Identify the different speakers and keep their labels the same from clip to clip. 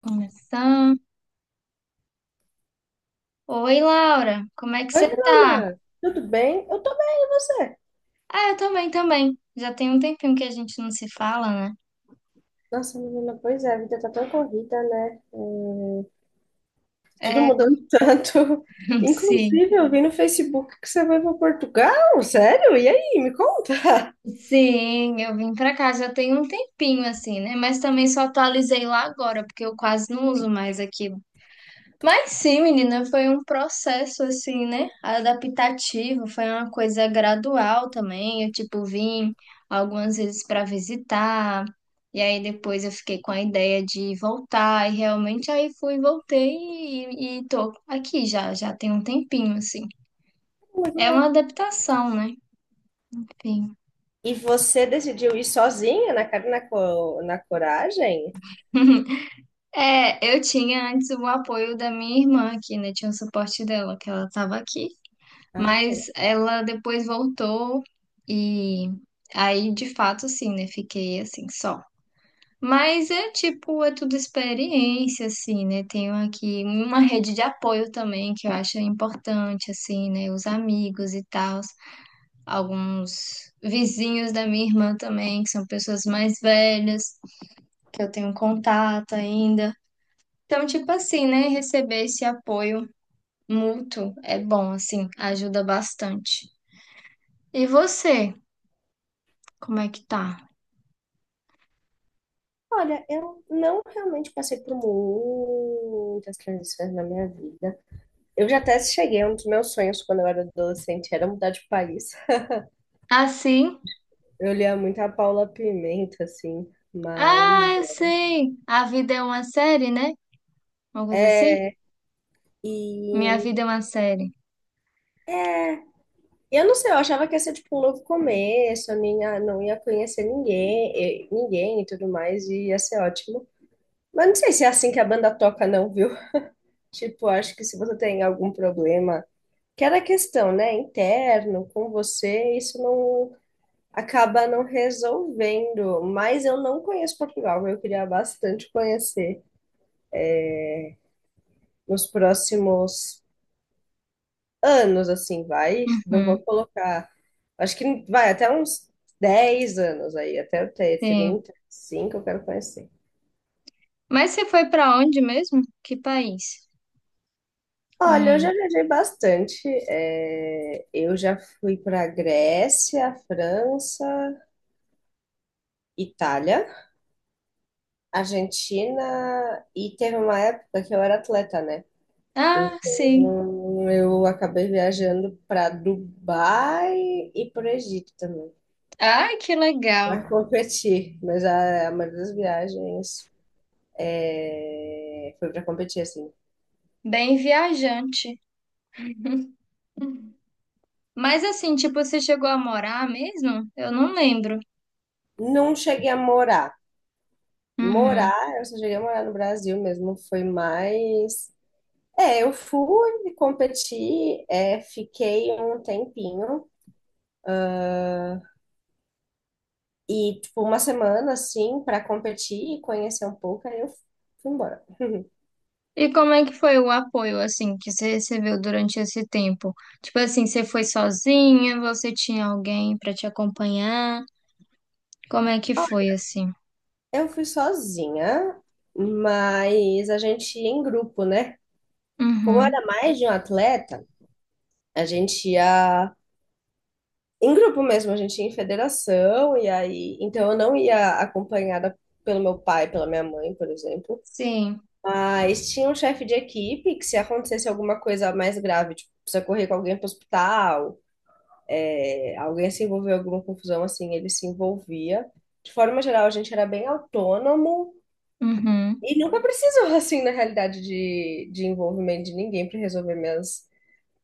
Speaker 1: Começar. Oi, Laura, como é que
Speaker 2: Oi,
Speaker 1: você tá?
Speaker 2: Bruna, tudo bem? Eu tô bem, e você?
Speaker 1: Ah, eu também, também. Já tem um tempinho que a gente não se fala, né?
Speaker 2: Nossa, menina, pois é, a vida tá tão corrida, né? É, tudo
Speaker 1: É,
Speaker 2: mudando tanto.
Speaker 1: sim.
Speaker 2: Inclusive, eu vi no Facebook que você vai para Portugal, sério? E aí, me conta?
Speaker 1: Sim, eu vim pra cá já tem um tempinho, assim, né? Mas também só atualizei lá agora, porque eu quase não uso mais aqui. Mas sim, menina, foi um processo assim, né? Adaptativo, foi uma coisa gradual também. Eu, tipo, vim algumas vezes para visitar, e aí depois eu fiquei com a ideia de voltar, e realmente aí fui, voltei e tô aqui já, já tem um tempinho, assim.
Speaker 2: Muito
Speaker 1: É
Speaker 2: legal.
Speaker 1: uma adaptação, né? Enfim.
Speaker 2: E você decidiu ir sozinha, na cara, e na, na coragem?
Speaker 1: É, eu tinha antes o apoio da minha irmã aqui, né? Tinha o suporte dela, que ela tava aqui.
Speaker 2: Ah,
Speaker 1: Mas
Speaker 2: legal.
Speaker 1: ela depois voltou e aí de fato assim, né? Fiquei assim só. Mas é tipo, é tudo experiência, assim, né? Tenho aqui uma rede de apoio também que eu acho importante, assim, né? Os amigos e tal, alguns vizinhos da minha irmã também, que são pessoas mais velhas, que eu tenho contato ainda. Então, tipo assim, né? Receber esse apoio mútuo é bom, assim, ajuda bastante. E você? Como é que tá?
Speaker 2: Olha, eu não realmente passei por muitas transições na minha vida. Eu já até cheguei, um dos meus sonhos quando eu era adolescente era mudar de país.
Speaker 1: Assim?
Speaker 2: Eu lia muito a Paula Pimenta, assim, mas.
Speaker 1: Ah, eu sei. A vida é uma série, né? Uma
Speaker 2: é
Speaker 1: coisa assim?
Speaker 2: é,
Speaker 1: Minha
Speaker 2: E
Speaker 1: vida é uma série.
Speaker 2: eu não sei, eu achava que ia ser tipo um novo começo, eu nem ia- não ia conhecer ninguém, ninguém e tudo mais, e ia ser ótimo. Mas não sei se é assim que a banda toca, não, viu? Tipo, acho que se você tem algum problema, que era questão, né, interno, com você, isso não acaba não resolvendo. Mas eu não conheço Portugal, eu queria bastante conhecer nos próximos anos, assim, vai. Não vou
Speaker 1: Uhum,
Speaker 2: colocar. Acho que vai até uns 10 anos aí, até eu ter
Speaker 1: sim.
Speaker 2: 35, eu quero conhecer.
Speaker 1: Mas você foi pra onde mesmo? Que país? Não
Speaker 2: Olha, eu já
Speaker 1: lembro.
Speaker 2: viajei bastante. Eu já fui para Grécia, França, Itália, Argentina e teve uma época que eu era atleta, né?
Speaker 1: Ah, sim.
Speaker 2: Então eu acabei viajando para Dubai e para o Egito também,
Speaker 1: Ai, que legal.
Speaker 2: para competir. Mas a maioria das viagens, é, foi para competir, assim.
Speaker 1: Bem viajante. Mas assim, tipo, você chegou a morar mesmo? Eu não lembro.
Speaker 2: Não cheguei a morar.
Speaker 1: Uhum.
Speaker 2: Morar, eu só cheguei a morar no Brasil mesmo, foi mais. É, eu fui competir, fiquei um tempinho e, tipo, uma semana assim para competir e conhecer um pouco, aí eu fui embora.
Speaker 1: E como é que foi o apoio, assim, que você recebeu durante esse tempo? Tipo assim, você foi sozinha? Você tinha alguém pra te acompanhar? Como é que
Speaker 2: Ó,
Speaker 1: foi assim?
Speaker 2: eu fui sozinha, mas a gente ia em grupo, né? Como
Speaker 1: Uhum.
Speaker 2: era mais de um atleta, a gente ia em grupo mesmo, a gente ia em federação, e aí. Então, eu não ia acompanhada pelo meu pai, pela minha mãe, por exemplo.
Speaker 1: Sim.
Speaker 2: Mas tinha um chefe de equipe que, se acontecesse alguma coisa mais grave, tipo, precisa correr com alguém para o hospital, é, alguém se envolveu em alguma confusão, assim, ele se envolvia. De forma geral, a gente era bem autônomo
Speaker 1: Uhum.
Speaker 2: e nunca precisou, assim, na realidade, de envolvimento de ninguém para resolver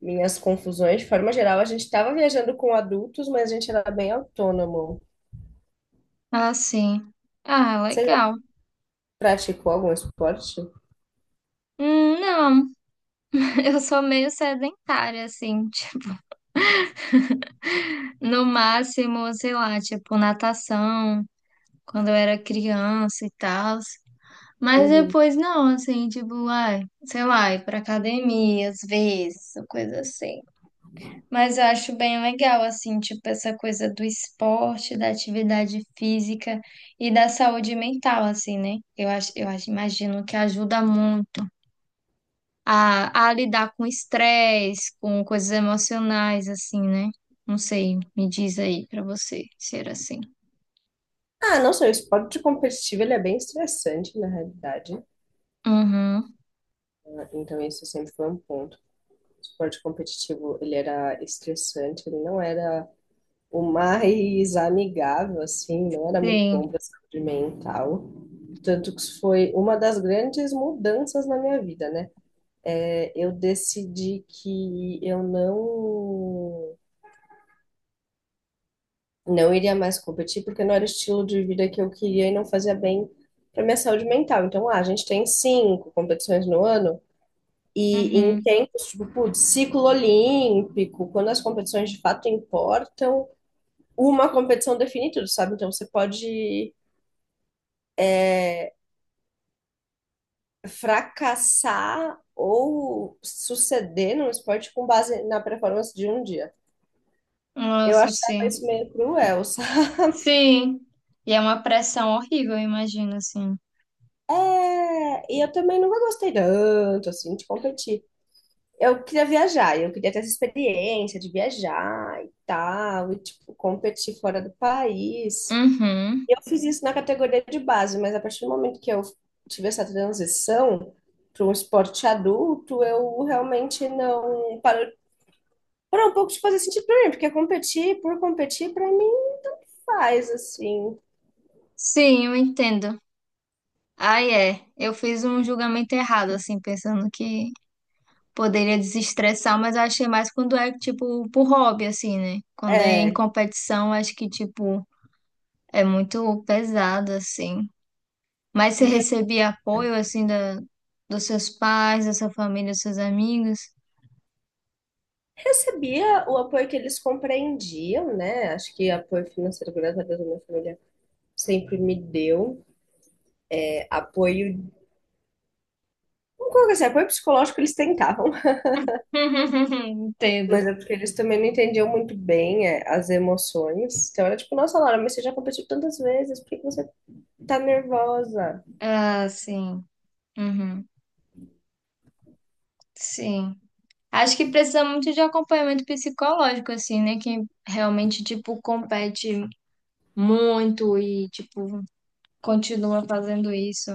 Speaker 2: minhas confusões. De forma geral, a gente estava viajando com adultos, mas a gente era bem autônomo.
Speaker 1: Ah, sim. Ah,
Speaker 2: Você
Speaker 1: legal.
Speaker 2: praticou algum esporte?
Speaker 1: Não, eu sou meio sedentária, assim. tipo, no máximo, sei lá, tipo, natação, quando eu era criança e tal. Mas
Speaker 2: Uhum.
Speaker 1: depois não, assim, tipo, ai, sei lá, ir pra academia às vezes, ou coisa assim. Mas eu acho bem legal, assim, tipo, essa coisa do esporte, da atividade física e da saúde mental, assim, né? Eu acho, imagino que ajuda muito a lidar com estresse, com coisas emocionais, assim, né? Não sei, me diz aí pra você se era assim.
Speaker 2: Ah, não sei, o esporte competitivo ele é bem estressante, na realidade.
Speaker 1: Uhum,
Speaker 2: Ah, então, isso sempre foi um ponto. O esporte competitivo, ele era estressante, ele não era o mais amigável, assim, não era muito
Speaker 1: sim,
Speaker 2: bom para a saúde mental. Tanto que isso foi uma das grandes mudanças na minha vida, né? É, eu decidi que eu não iria mais competir porque não era o estilo de vida que eu queria e não fazia bem para minha saúde mental. Então, ah, a gente tem cinco competições no ano e em
Speaker 1: uhum.
Speaker 2: tempos, tipo, putz, ciclo olímpico, quando as competições de fato importam, uma competição define tudo, sabe? Então, você pode, é, fracassar ou suceder no esporte com base na performance de um dia. Eu
Speaker 1: Nossa,
Speaker 2: achava
Speaker 1: sim.
Speaker 2: isso meio cruel, sabe?
Speaker 1: Sim. E é uma pressão horrível, eu imagino, assim.
Speaker 2: É, e eu também nunca gostei tanto, assim, de competir. Eu queria viajar, eu queria ter essa experiência de viajar e tal, e tipo, competir fora do país.
Speaker 1: Uhum.
Speaker 2: Eu fiz isso na categoria de base, mas a partir do momento que eu tive essa transição para um esporte adulto, eu realmente não parou, parou um pouco de fazer sentido para mim, porque competir por competir para mim faz assim.
Speaker 1: Sim, eu entendo. Aí é, eu fiz um julgamento errado, assim, pensando que poderia desestressar, mas eu achei mais quando é, tipo, por hobby, assim, né? Quando é em
Speaker 2: É,
Speaker 1: competição, acho que, tipo, é muito pesado, assim. Mas você
Speaker 2: e eu
Speaker 1: recebia apoio, assim, da, dos seus pais, da sua família, dos seus amigos?
Speaker 2: recebia o apoio que eles compreendiam, né? Acho que apoio financeiro, graças a Deus, a minha família sempre me deu, apoio, vamos colocar assim, apoio psicológico eles tentavam,
Speaker 1: Entendo.
Speaker 2: mas é porque eles também não entendiam muito bem, as emoções. Então era tipo, nossa, Laura, mas você já competiu tantas vezes, por que que você tá nervosa?
Speaker 1: Ah, sim. Uhum. Sim. Acho que precisa muito de acompanhamento psicológico, assim, né? Quem realmente, tipo, compete muito e, tipo, continua fazendo isso,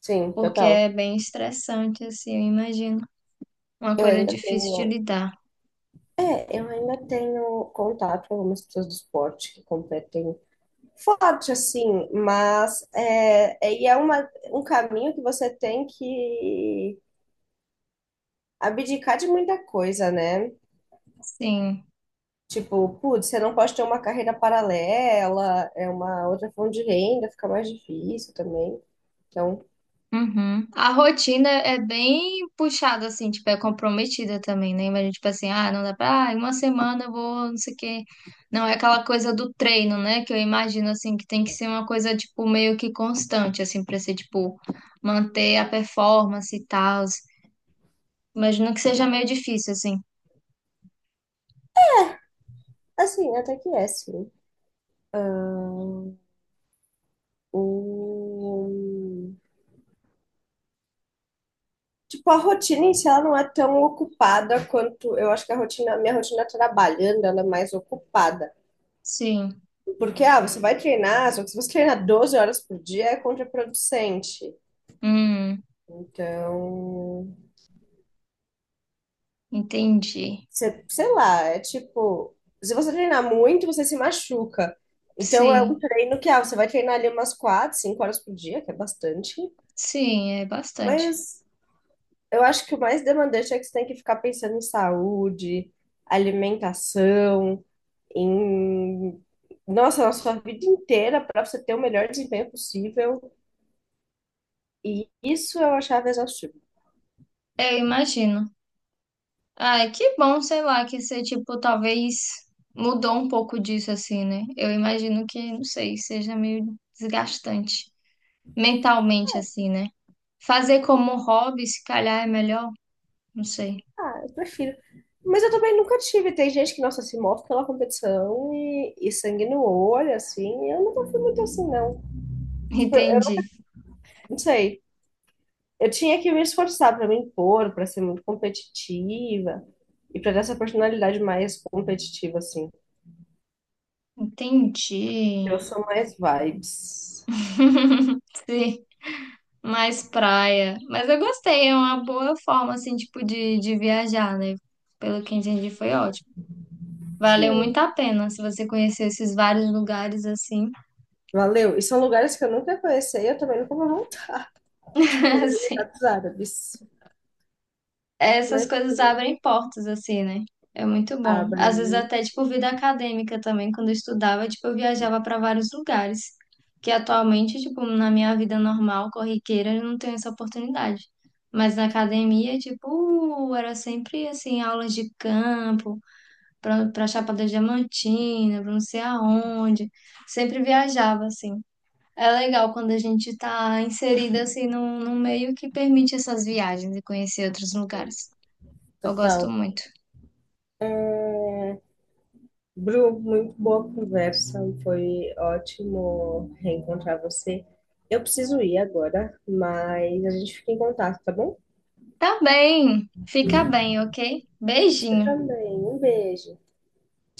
Speaker 2: Sim,
Speaker 1: porque
Speaker 2: total.
Speaker 1: é bem estressante, assim, eu imagino. Uma
Speaker 2: Eu
Speaker 1: coisa
Speaker 2: ainda
Speaker 1: difícil de
Speaker 2: tenho.
Speaker 1: lidar.
Speaker 2: É, eu ainda tenho contato com algumas pessoas do esporte que competem forte, assim, mas e é uma, um caminho que você tem que abdicar de muita coisa, né?
Speaker 1: Sim.
Speaker 2: Tipo, putz, você não pode ter uma carreira paralela, é uma outra fonte de renda, fica mais difícil também. Então,
Speaker 1: Uhum. A rotina é bem puxada, assim, tipo, é comprometida também, né? Imagina, tipo assim, ah, não dá pra, ah, em uma semana eu vou, não sei o quê. Não é aquela coisa do treino, né? Que eu imagino, assim, que tem que ser uma coisa, tipo, meio que constante, assim, pra ser, tipo, manter a performance e tal. Imagino que seja meio difícil, assim.
Speaker 2: assim, até que é, sim. O... Tipo, a rotina em si, ela não é tão ocupada quanto... Eu acho que a rotina, a minha rotina tá trabalhando, ela é mais ocupada.
Speaker 1: Sim.
Speaker 2: Porque, ah, você vai treinar, só que se você treinar 12 horas por dia, é contraproducente.
Speaker 1: Hum,
Speaker 2: Então...
Speaker 1: entendi.
Speaker 2: Sei lá, é tipo, se você treinar muito, você se machuca. Então é um
Speaker 1: Sim.
Speaker 2: treino que, ah, você vai treinar ali umas quatro, cinco horas por dia, que é bastante,
Speaker 1: Sim, é bastante.
Speaker 2: mas eu acho que o mais demandante é que você tem que ficar pensando em saúde, alimentação, em, nossa, na sua vida inteira para você ter o melhor desempenho possível. E isso eu achava exaustivo.
Speaker 1: Eu imagino. Ai, que bom, sei lá, que você, tipo, talvez mudou um pouco disso, assim, né? Eu imagino que, não sei, seja meio desgastante mentalmente, assim, né? Fazer como hobby, se calhar, é melhor? Não sei.
Speaker 2: Ah, eu prefiro. Mas eu também nunca tive. Tem gente que, nossa, se move pela competição e sangue no olho, assim. Eu nunca fui muito assim, não. Tipo, eu
Speaker 1: Entendi.
Speaker 2: não sei. Eu tinha que me esforçar pra me impor, pra ser muito competitiva e pra ter essa personalidade mais competitiva, assim.
Speaker 1: Entendi.
Speaker 2: Eu sou mais vibes.
Speaker 1: Sim, mais praia. Mas eu gostei, é uma boa forma, assim, tipo, de viajar, né? Pelo que entendi, foi ótimo. Valeu
Speaker 2: Sim.
Speaker 1: muito a pena se você conhecer esses vários lugares assim.
Speaker 2: Valeu. E são lugares que eu nunca conheci e eu também nunca vou voltar. Tipo,
Speaker 1: Assim,
Speaker 2: Emirados Árabes.
Speaker 1: essas
Speaker 2: Mas
Speaker 1: coisas abrem portas assim, né? É muito bom. Às vezes
Speaker 2: abrem,
Speaker 1: até tipo vida acadêmica também, quando eu estudava, tipo eu viajava para vários lugares, que atualmente, tipo, na minha vida normal, corriqueira, eu não tenho essa oportunidade. Mas na academia, tipo, era sempre assim, aulas de campo, para Chapada Diamantina, para não sei aonde. Sempre viajava assim. É legal quando a gente está inserida assim num, num meio que permite essas viagens e conhecer outros lugares. Eu gosto
Speaker 2: total.
Speaker 1: muito.
Speaker 2: Bru, muito boa conversa, foi ótimo reencontrar você. Eu preciso ir agora, mas a gente fica em contato, tá bom?
Speaker 1: Tá bem, fica bem, ok?
Speaker 2: Você
Speaker 1: Beijinho.
Speaker 2: também. Um beijo.